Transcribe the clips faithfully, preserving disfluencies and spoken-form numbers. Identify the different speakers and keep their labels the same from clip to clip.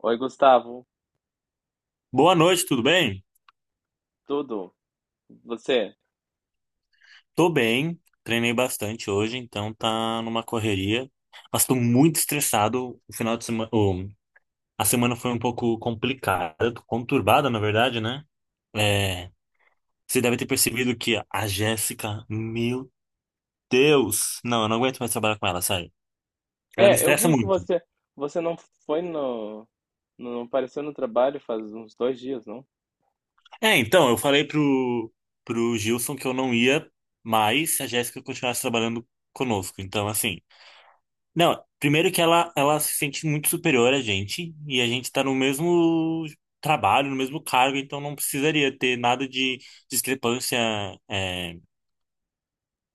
Speaker 1: Oi, Gustavo.
Speaker 2: Boa noite, tudo bem?
Speaker 1: Tudo? Você?
Speaker 2: Tô bem, treinei bastante hoje, então tá numa correria, mas tô muito estressado. O final de semana, o- a semana foi um pouco complicada, conturbada, na verdade, né? É, você deve ter percebido que a Jéssica, meu Deus, não, eu não aguento mais trabalhar com ela, sério. Ela me
Speaker 1: É, eu
Speaker 2: estressa
Speaker 1: vi que
Speaker 2: muito.
Speaker 1: você você não foi no não apareceu no trabalho faz uns dois dias, não?
Speaker 2: É, então, eu falei pro, pro Gilson que eu não ia mais se a Jéssica continuasse trabalhando conosco, então assim. Não, primeiro que ela, ela se sente muito superior a gente, e a gente tá no mesmo trabalho, no mesmo cargo, então não precisaria ter nada de discrepância, é,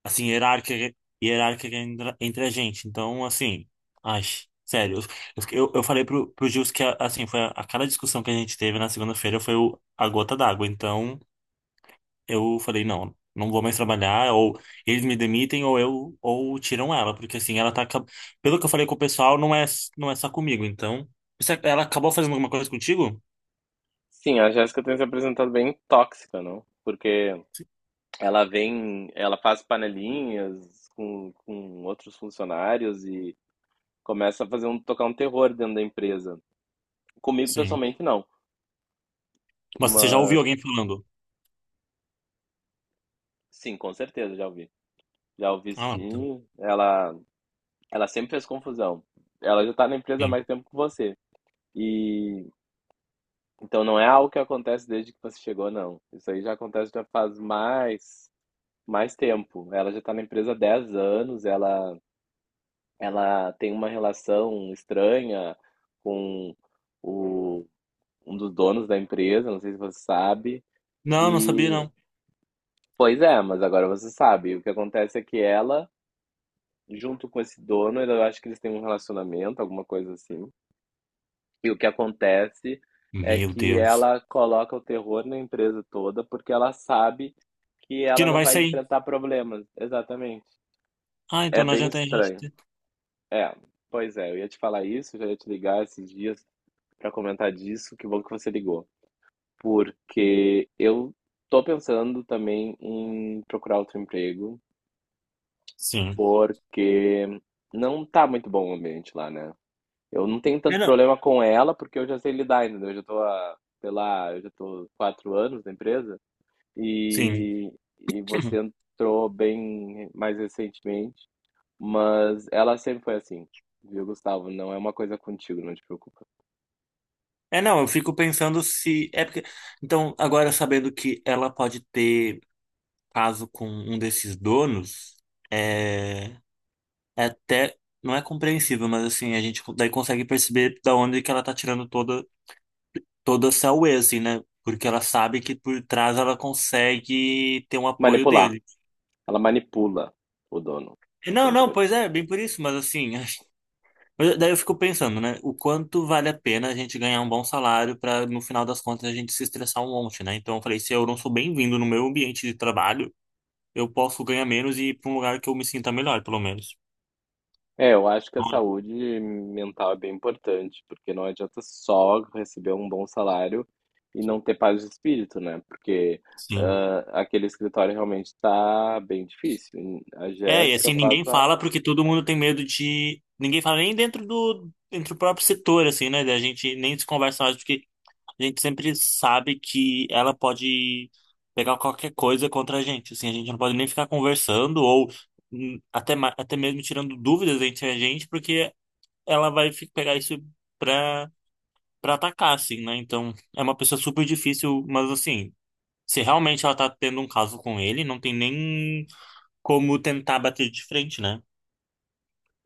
Speaker 2: assim, hierárquica, hierárquica entre entre a gente. Então, assim, ai, sério, eu, eu, eu falei pro, pro Gils que, assim, foi a, aquela discussão que a gente teve na segunda-feira foi o, a gota d'água, então eu falei, não, não vou mais trabalhar, ou eles me demitem, ou eu, ou tiram ela, porque assim, ela tá, acab- pelo que eu falei com o pessoal, não é, não é só comigo, então, Você- ela acabou fazendo alguma coisa contigo?
Speaker 1: Sim, a Jéssica tem se apresentado bem tóxica, não? Porque ela vem, ela faz panelinhas com, com outros funcionários e começa a fazer um tocar um terror dentro da empresa. Comigo
Speaker 2: Sim.
Speaker 1: pessoalmente não,
Speaker 2: Mas você já ouviu
Speaker 1: mas
Speaker 2: alguém falando?
Speaker 1: sim, com certeza já ouvi. Já ouvi,
Speaker 2: Ah, tá.
Speaker 1: sim. Ela ela sempre fez confusão. Ela já tá na empresa há
Speaker 2: Sim.
Speaker 1: mais tempo que você. E então não é algo que acontece desde que você chegou, não. Isso aí já acontece, já faz mais mais tempo. Ela já está na empresa há dez anos, ela ela tem uma relação estranha com o um dos donos da empresa, não sei se você sabe.
Speaker 2: Não, não sabia,
Speaker 1: E
Speaker 2: não.
Speaker 1: pois é, mas agora você sabe. O que acontece é que ela, junto com esse dono, eu acho que eles têm um relacionamento, alguma coisa assim. E o que acontece é
Speaker 2: Meu
Speaker 1: que
Speaker 2: Deus.
Speaker 1: ela coloca o terror na empresa toda porque ela sabe que
Speaker 2: Que
Speaker 1: ela
Speaker 2: não
Speaker 1: não
Speaker 2: vai
Speaker 1: vai
Speaker 2: sair.
Speaker 1: enfrentar problemas. Exatamente.
Speaker 2: Ah, então
Speaker 1: É
Speaker 2: não
Speaker 1: bem
Speaker 2: adianta a gente.
Speaker 1: estranho.
Speaker 2: ter-
Speaker 1: É, pois é, eu ia te falar isso, já ia te ligar esses dias para comentar disso, que bom que você ligou. Porque eu tô pensando também em procurar outro emprego,
Speaker 2: Sim.
Speaker 1: porque não tá muito bom o ambiente lá, né? Eu não tenho
Speaker 2: É,
Speaker 1: tanto
Speaker 2: não.
Speaker 1: problema com ela, porque eu já sei lidar, entendeu? Eu já tô há, sei lá, eu já tô quatro anos na empresa
Speaker 2: Sim.
Speaker 1: e, e você entrou bem mais recentemente, mas ela sempre foi assim, viu, Gustavo? Não é uma coisa contigo, não te preocupa.
Speaker 2: É, não, eu fico pensando se. É porque. Então, agora sabendo que ela pode ter caso com um desses donos, é. É até não é compreensível, mas assim, a gente co- daí consegue perceber da onde que ela tá tirando toda toda essa whey, assim, né? Porque ela sabe que por trás ela consegue ter um apoio
Speaker 1: Manipular.
Speaker 2: dele.
Speaker 1: Ela manipula o dono
Speaker 2: E não,
Speaker 1: da
Speaker 2: não,
Speaker 1: empresa.
Speaker 2: pois é, bem por isso, mas assim, mas daí eu fico pensando, né? O quanto vale a pena a gente ganhar um bom salário para no final das contas a gente se estressar um monte, né? Então eu falei, se eu não sou bem-vindo no meu ambiente de trabalho, eu posso ganhar menos e ir para um lugar que eu me sinta melhor, pelo menos.
Speaker 1: É, eu acho que a saúde mental é bem importante, porque não adianta só receber um bom salário e não ter paz de espírito, né? Porque
Speaker 2: Sim.
Speaker 1: ah, aquele escritório realmente está bem difícil. A
Speaker 2: É, e assim
Speaker 1: Jéssica faz
Speaker 2: ninguém
Speaker 1: a
Speaker 2: fala porque todo mundo tem medo de. Ninguém fala nem dentro do, dentro do próprio setor, assim, né? A gente nem se conversa mais porque a gente sempre sabe que ela pode pegar qualquer coisa contra a gente. Assim, a gente não pode nem ficar conversando ou hum, até, ma- até mesmo tirando dúvidas entre a gente, porque ela vai fi- pegar isso pra, pra atacar, assim, né? Então é uma pessoa super difícil, mas assim, se realmente ela tá tendo um caso com ele, não tem nem como tentar bater de frente, né?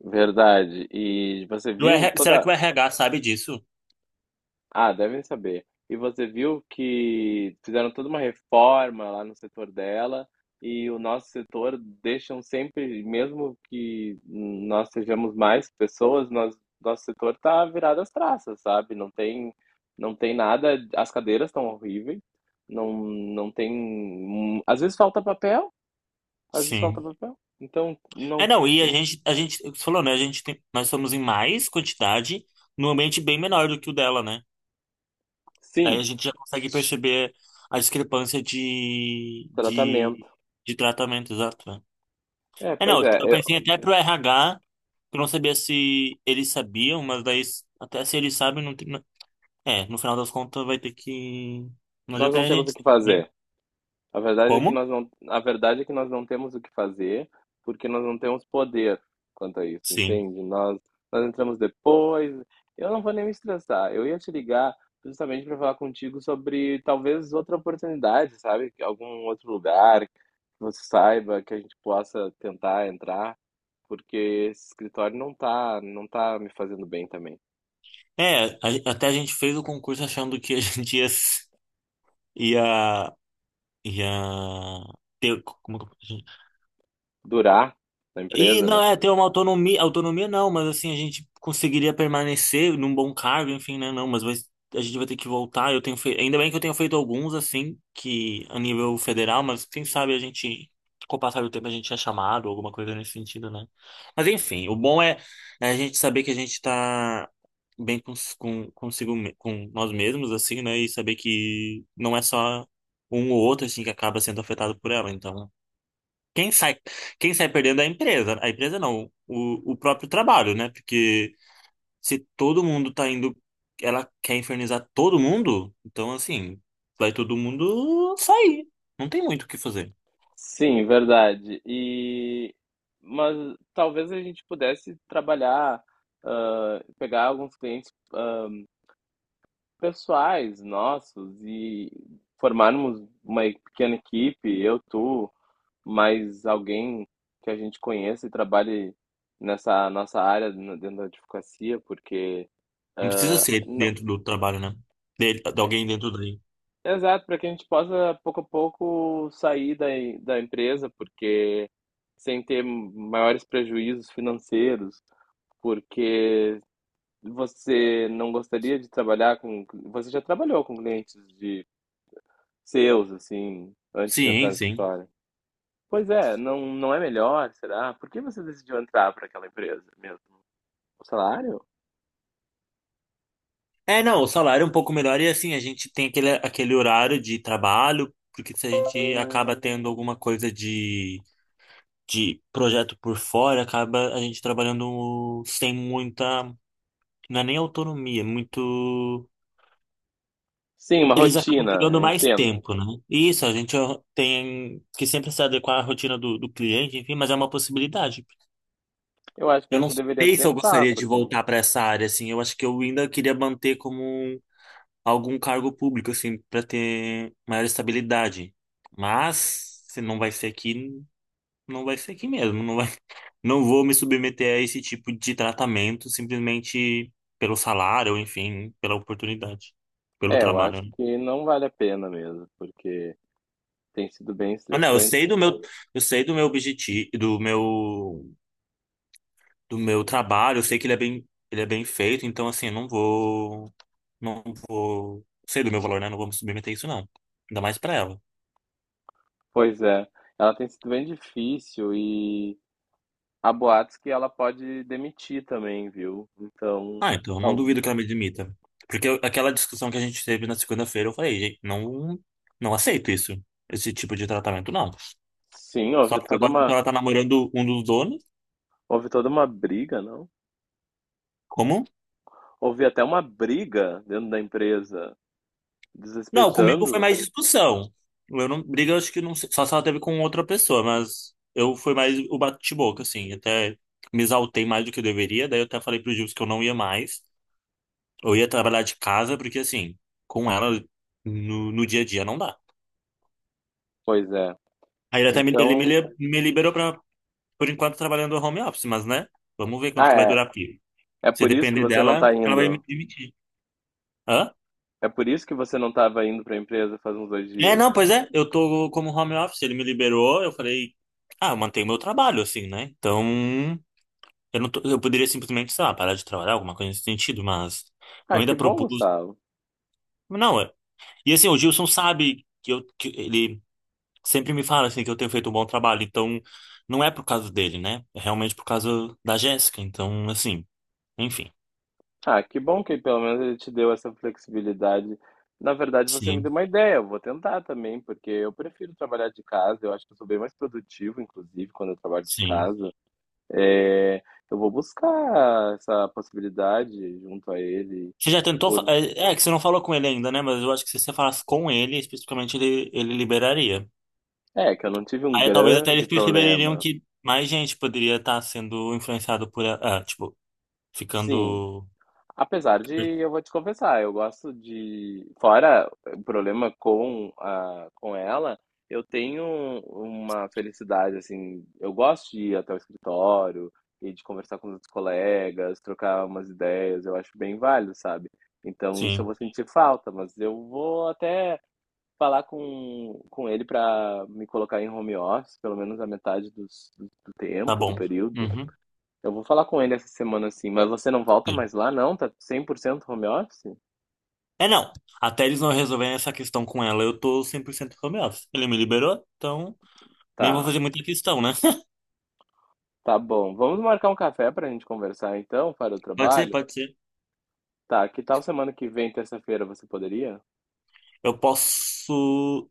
Speaker 1: verdade. E você
Speaker 2: Do
Speaker 1: viu
Speaker 2: R H, será que
Speaker 1: toda.
Speaker 2: o R H sabe disso?
Speaker 1: Ah, devem saber. E você viu que fizeram toda uma reforma lá no setor dela, e o nosso setor deixam sempre, mesmo que nós sejamos mais pessoas, nós, nosso setor tá virado às traças, sabe? Não tem, não tem nada, as cadeiras estão horríveis, não, não tem, às vezes falta papel, às vezes falta
Speaker 2: Sim.
Speaker 1: papel. Então, não,
Speaker 2: É, não, e a gente, a gente, você falou, né? A gente tem, nós somos em mais quantidade, num ambiente bem menor do que o dela, né? Daí a
Speaker 1: sim,
Speaker 2: gente já consegue perceber a discrepância de, de,
Speaker 1: tratamento.
Speaker 2: de tratamento, exato. Né?
Speaker 1: É,
Speaker 2: É,
Speaker 1: pois
Speaker 2: não, eu
Speaker 1: é,
Speaker 2: pensei
Speaker 1: eu-
Speaker 2: até pro R H, que eu não sabia se eles sabiam, mas daí, s- até se eles sabem, não tem. É, no final das contas vai ter que. Não
Speaker 1: nós
Speaker 2: adianta
Speaker 1: não
Speaker 2: a
Speaker 1: temos o
Speaker 2: gente.
Speaker 1: que
Speaker 2: Saber.
Speaker 1: fazer. A verdade é que
Speaker 2: Como?
Speaker 1: nós não, a verdade é que nós não temos o que fazer, porque nós não temos poder quanto a isso,
Speaker 2: Sim.
Speaker 1: entende? Nós, nós entramos depois. Eu não vou nem me estressar. Eu ia te ligar justamente para falar contigo sobre talvez outra oportunidade, sabe? Algum outro lugar que você saiba que a gente possa tentar entrar, porque esse escritório não tá, não tá me fazendo bem também.
Speaker 2: É, a- até a gente fez o concurso achando que a gente ia, s- ia, ia ter, como que eu-
Speaker 1: Durar na
Speaker 2: E
Speaker 1: empresa,
Speaker 2: não
Speaker 1: né?
Speaker 2: é ter uma autonomia, autonomia não, mas assim a gente conseguiria permanecer num bom cargo, enfim, né? Não, mas vai- a gente vai ter que voltar. Eu tenho feito, ainda bem que eu tenho feito alguns assim que a nível federal, mas quem sabe a gente com o passar do tempo a gente é chamado, alguma coisa nesse sentido, né? Mas enfim, o bom é, é a gente saber que a gente tá bem com, com consigo me- com nós mesmos assim, né? E saber que não é só um ou outro assim que acaba sendo afetado por ela, então quem sai, quem sai perdendo é a empresa. A empresa não, o, o próprio trabalho, né? Porque se todo mundo tá indo, ela quer infernizar todo mundo, então assim, vai todo mundo sair. Não tem muito o que fazer.
Speaker 1: Sim, verdade. E mas talvez a gente pudesse trabalhar, ah, pegar alguns clientes, ah, pessoais nossos e formarmos uma pequena equipe, eu, tu, mais alguém que a gente conheça e trabalhe nessa nossa área no- dentro da advocacia, porque
Speaker 2: Não precisa ser
Speaker 1: não,
Speaker 2: dentro do trabalho, né? De, de alguém dentro daí.
Speaker 1: exato, para que a gente possa, pouco a pouco, sair da, da empresa, porque sem ter maiores prejuízos financeiros. Porque você não gostaria de trabalhar com. Você já trabalhou com clientes de seus, assim, antes de entrar
Speaker 2: Sim,
Speaker 1: no
Speaker 2: sim.
Speaker 1: escritório? Pois é, não, não é melhor, será? Por que você decidiu entrar para aquela empresa mesmo? O salário?
Speaker 2: É, não, o salário é um pouco melhor e assim, a gente tem aquele, aquele horário de trabalho, porque se a gente acaba tendo alguma coisa de de projeto por fora, acaba a gente trabalhando sem muita, não é nem autonomia, é muito.
Speaker 1: Sim, uma
Speaker 2: Eles acabam
Speaker 1: rotina,
Speaker 2: pegando
Speaker 1: eu
Speaker 2: mais
Speaker 1: entendo.
Speaker 2: tempo, né? E isso, a gente tem que sempre se adequar à rotina do, do cliente, enfim, mas é uma possibilidade.
Speaker 1: Eu acho que a
Speaker 2: Eu não
Speaker 1: gente deveria
Speaker 2: sei se eu
Speaker 1: tentar,
Speaker 2: gostaria de
Speaker 1: porque.
Speaker 2: voltar para essa área, assim, eu acho que eu ainda queria manter como um- algum cargo público, assim, para ter maior estabilidade. Mas, se não vai ser aqui, não vai ser aqui mesmo, não vai não vou me submeter a esse tipo de tratamento simplesmente pelo salário, enfim, pela oportunidade, pelo
Speaker 1: É, eu acho
Speaker 2: trabalho. Né?
Speaker 1: que não vale a pena mesmo, porque tem sido bem
Speaker 2: Ah, não, eu
Speaker 1: estressante.
Speaker 2: sei do meu, eu sei do meu objetivo, do meu, do meu trabalho, eu sei que ele é bem, ele é bem feito, então assim, eu não vou, não vou, sei do meu valor, né? Não vou me submeter a isso não. Ainda mais pra ela.
Speaker 1: Pois é, ela tem sido bem difícil e. Há boatos que ela pode demitir também, viu? Então,
Speaker 2: Ah, então eu não
Speaker 1: tal,
Speaker 2: duvido que ela me demita. Porque eu- aquela discussão que a gente teve na segunda-feira, eu falei, gente, não, não aceito isso, esse tipo de tratamento, não.
Speaker 1: sim,
Speaker 2: Só
Speaker 1: houve
Speaker 2: porque
Speaker 1: toda
Speaker 2: agora então,
Speaker 1: uma,
Speaker 2: ela tá namorando um dos donos?
Speaker 1: houve toda uma briga, não?
Speaker 2: Como?
Speaker 1: Houve até uma briga dentro da empresa,
Speaker 2: Não, comigo foi
Speaker 1: desrespeitando.
Speaker 2: mais discussão. Eu não, briga, eu acho que não sei, só se ela teve com outra pessoa, mas eu fui mais o bate-boca, assim. Até me exaltei mais do que eu deveria, daí eu até falei pro Gil que eu não ia mais. Eu ia trabalhar de casa, porque assim, com ela no, no dia a dia não dá.
Speaker 1: Pois é.
Speaker 2: Aí ele até me, ele me,
Speaker 1: Então,
Speaker 2: li- me liberou pra, por enquanto, trabalhando home office, mas né? Vamos ver quanto
Speaker 1: ah,
Speaker 2: que vai
Speaker 1: é.
Speaker 2: durar a pira.
Speaker 1: É
Speaker 2: Se
Speaker 1: por isso que
Speaker 2: depender
Speaker 1: você não
Speaker 2: dela,
Speaker 1: tá
Speaker 2: ela vai me
Speaker 1: indo.
Speaker 2: demitir. Hã?
Speaker 1: É por isso que você não tava indo pra empresa faz uns dois
Speaker 2: É, não,
Speaker 1: dias.
Speaker 2: pois é, eu tô como home office, ele me liberou, eu falei, ah, eu mantenho meu trabalho, assim, né? Então, eu não tô- eu poderia simplesmente, sei lá, parar de trabalhar, alguma coisa nesse sentido, mas eu
Speaker 1: Ah, que
Speaker 2: ainda
Speaker 1: bom,
Speaker 2: propus,
Speaker 1: Gustavo.
Speaker 2: não, é- e assim, o Gilson sabe que eu, que ele sempre me fala, assim, que eu tenho feito um bom trabalho, então, não é por causa dele, né? É realmente por causa da Jéssica, então, assim, enfim,
Speaker 1: Ah, que bom que pelo menos ele te deu essa flexibilidade. Na verdade, você me deu
Speaker 2: sim,
Speaker 1: uma ideia, eu vou tentar também, porque eu prefiro trabalhar de casa, eu acho que eu sou bem mais produtivo, inclusive, quando eu trabalho de
Speaker 2: sim.
Speaker 1: casa. É, eu vou buscar essa possibilidade junto a ele,
Speaker 2: Você já tentou, fa-
Speaker 1: por...
Speaker 2: é, é que você não falou com ele ainda, né? Mas eu acho que se você falasse com ele, especificamente, ele, ele liberaria.
Speaker 1: É, que eu não tive um
Speaker 2: Aí talvez até eles
Speaker 1: grande
Speaker 2: perceberiam
Speaker 1: problema.
Speaker 2: que mais gente poderia estar sendo influenciado por. a- Ah, tipo,
Speaker 1: Sim,
Speaker 2: ficando.
Speaker 1: apesar de, eu vou te confessar, eu gosto de. Fora o problema com, a, com ela, eu tenho uma felicidade, assim. Eu gosto de ir até o escritório e de conversar com os outros colegas, trocar umas ideias, eu acho bem válido, sabe? Então, isso eu
Speaker 2: Sim,
Speaker 1: vou sentir falta, mas eu vou até falar com, com ele para me colocar em home office, pelo menos a metade dos, do, do
Speaker 2: tá
Speaker 1: tempo, do
Speaker 2: bom.
Speaker 1: período,
Speaker 2: Uhum,
Speaker 1: eu vou falar com ele essa semana assim, mas você não volta
Speaker 2: sim.
Speaker 1: mais lá, não? Tá cem por cento home office?
Speaker 2: É, não. Até eles não resolverem essa questão com ela, eu tô cem por cento home office. Ele me liberou, então nem vou
Speaker 1: Tá,
Speaker 2: fazer muita questão, né?
Speaker 1: tá bom. Vamos marcar um café pra gente conversar então, para o
Speaker 2: Pode ser,
Speaker 1: trabalho?
Speaker 2: pode ser.
Speaker 1: Tá, que tal semana que vem, terça-feira, você poderia?
Speaker 2: Eu posso.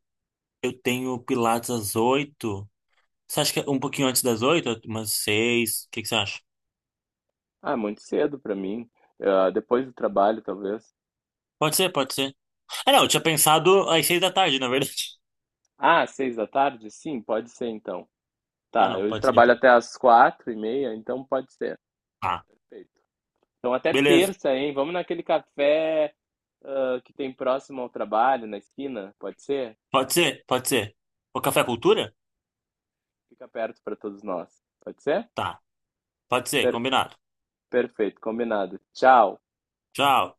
Speaker 2: Eu tenho Pilates às oito. Você acha que é um pouquinho antes das oito? Umas seis? O que que você acha?
Speaker 1: Ah, muito cedo pra mim. Ah, depois do trabalho, talvez.
Speaker 2: Pode ser, pode ser. Ah, não, eu tinha pensado às seis da tarde, na verdade.
Speaker 1: Ah, seis da tarde? Sim, pode ser então.
Speaker 2: Ah,
Speaker 1: Tá,
Speaker 2: não,
Speaker 1: eu
Speaker 2: pode ser
Speaker 1: trabalho
Speaker 2: então.
Speaker 1: até às quatro e meia, então pode ser. Perfeito. Então até
Speaker 2: Beleza.
Speaker 1: terça, hein? Vamos naquele café, ah, que tem próximo ao trabalho, na esquina, pode ser?
Speaker 2: Pode ser? Pode ser. O Café Cultura?
Speaker 1: Fica perto para todos nós. Pode ser?
Speaker 2: Tá. Pode ser,
Speaker 1: Per-
Speaker 2: combinado.
Speaker 1: perfeito, combinado. Tchau.
Speaker 2: Tchau.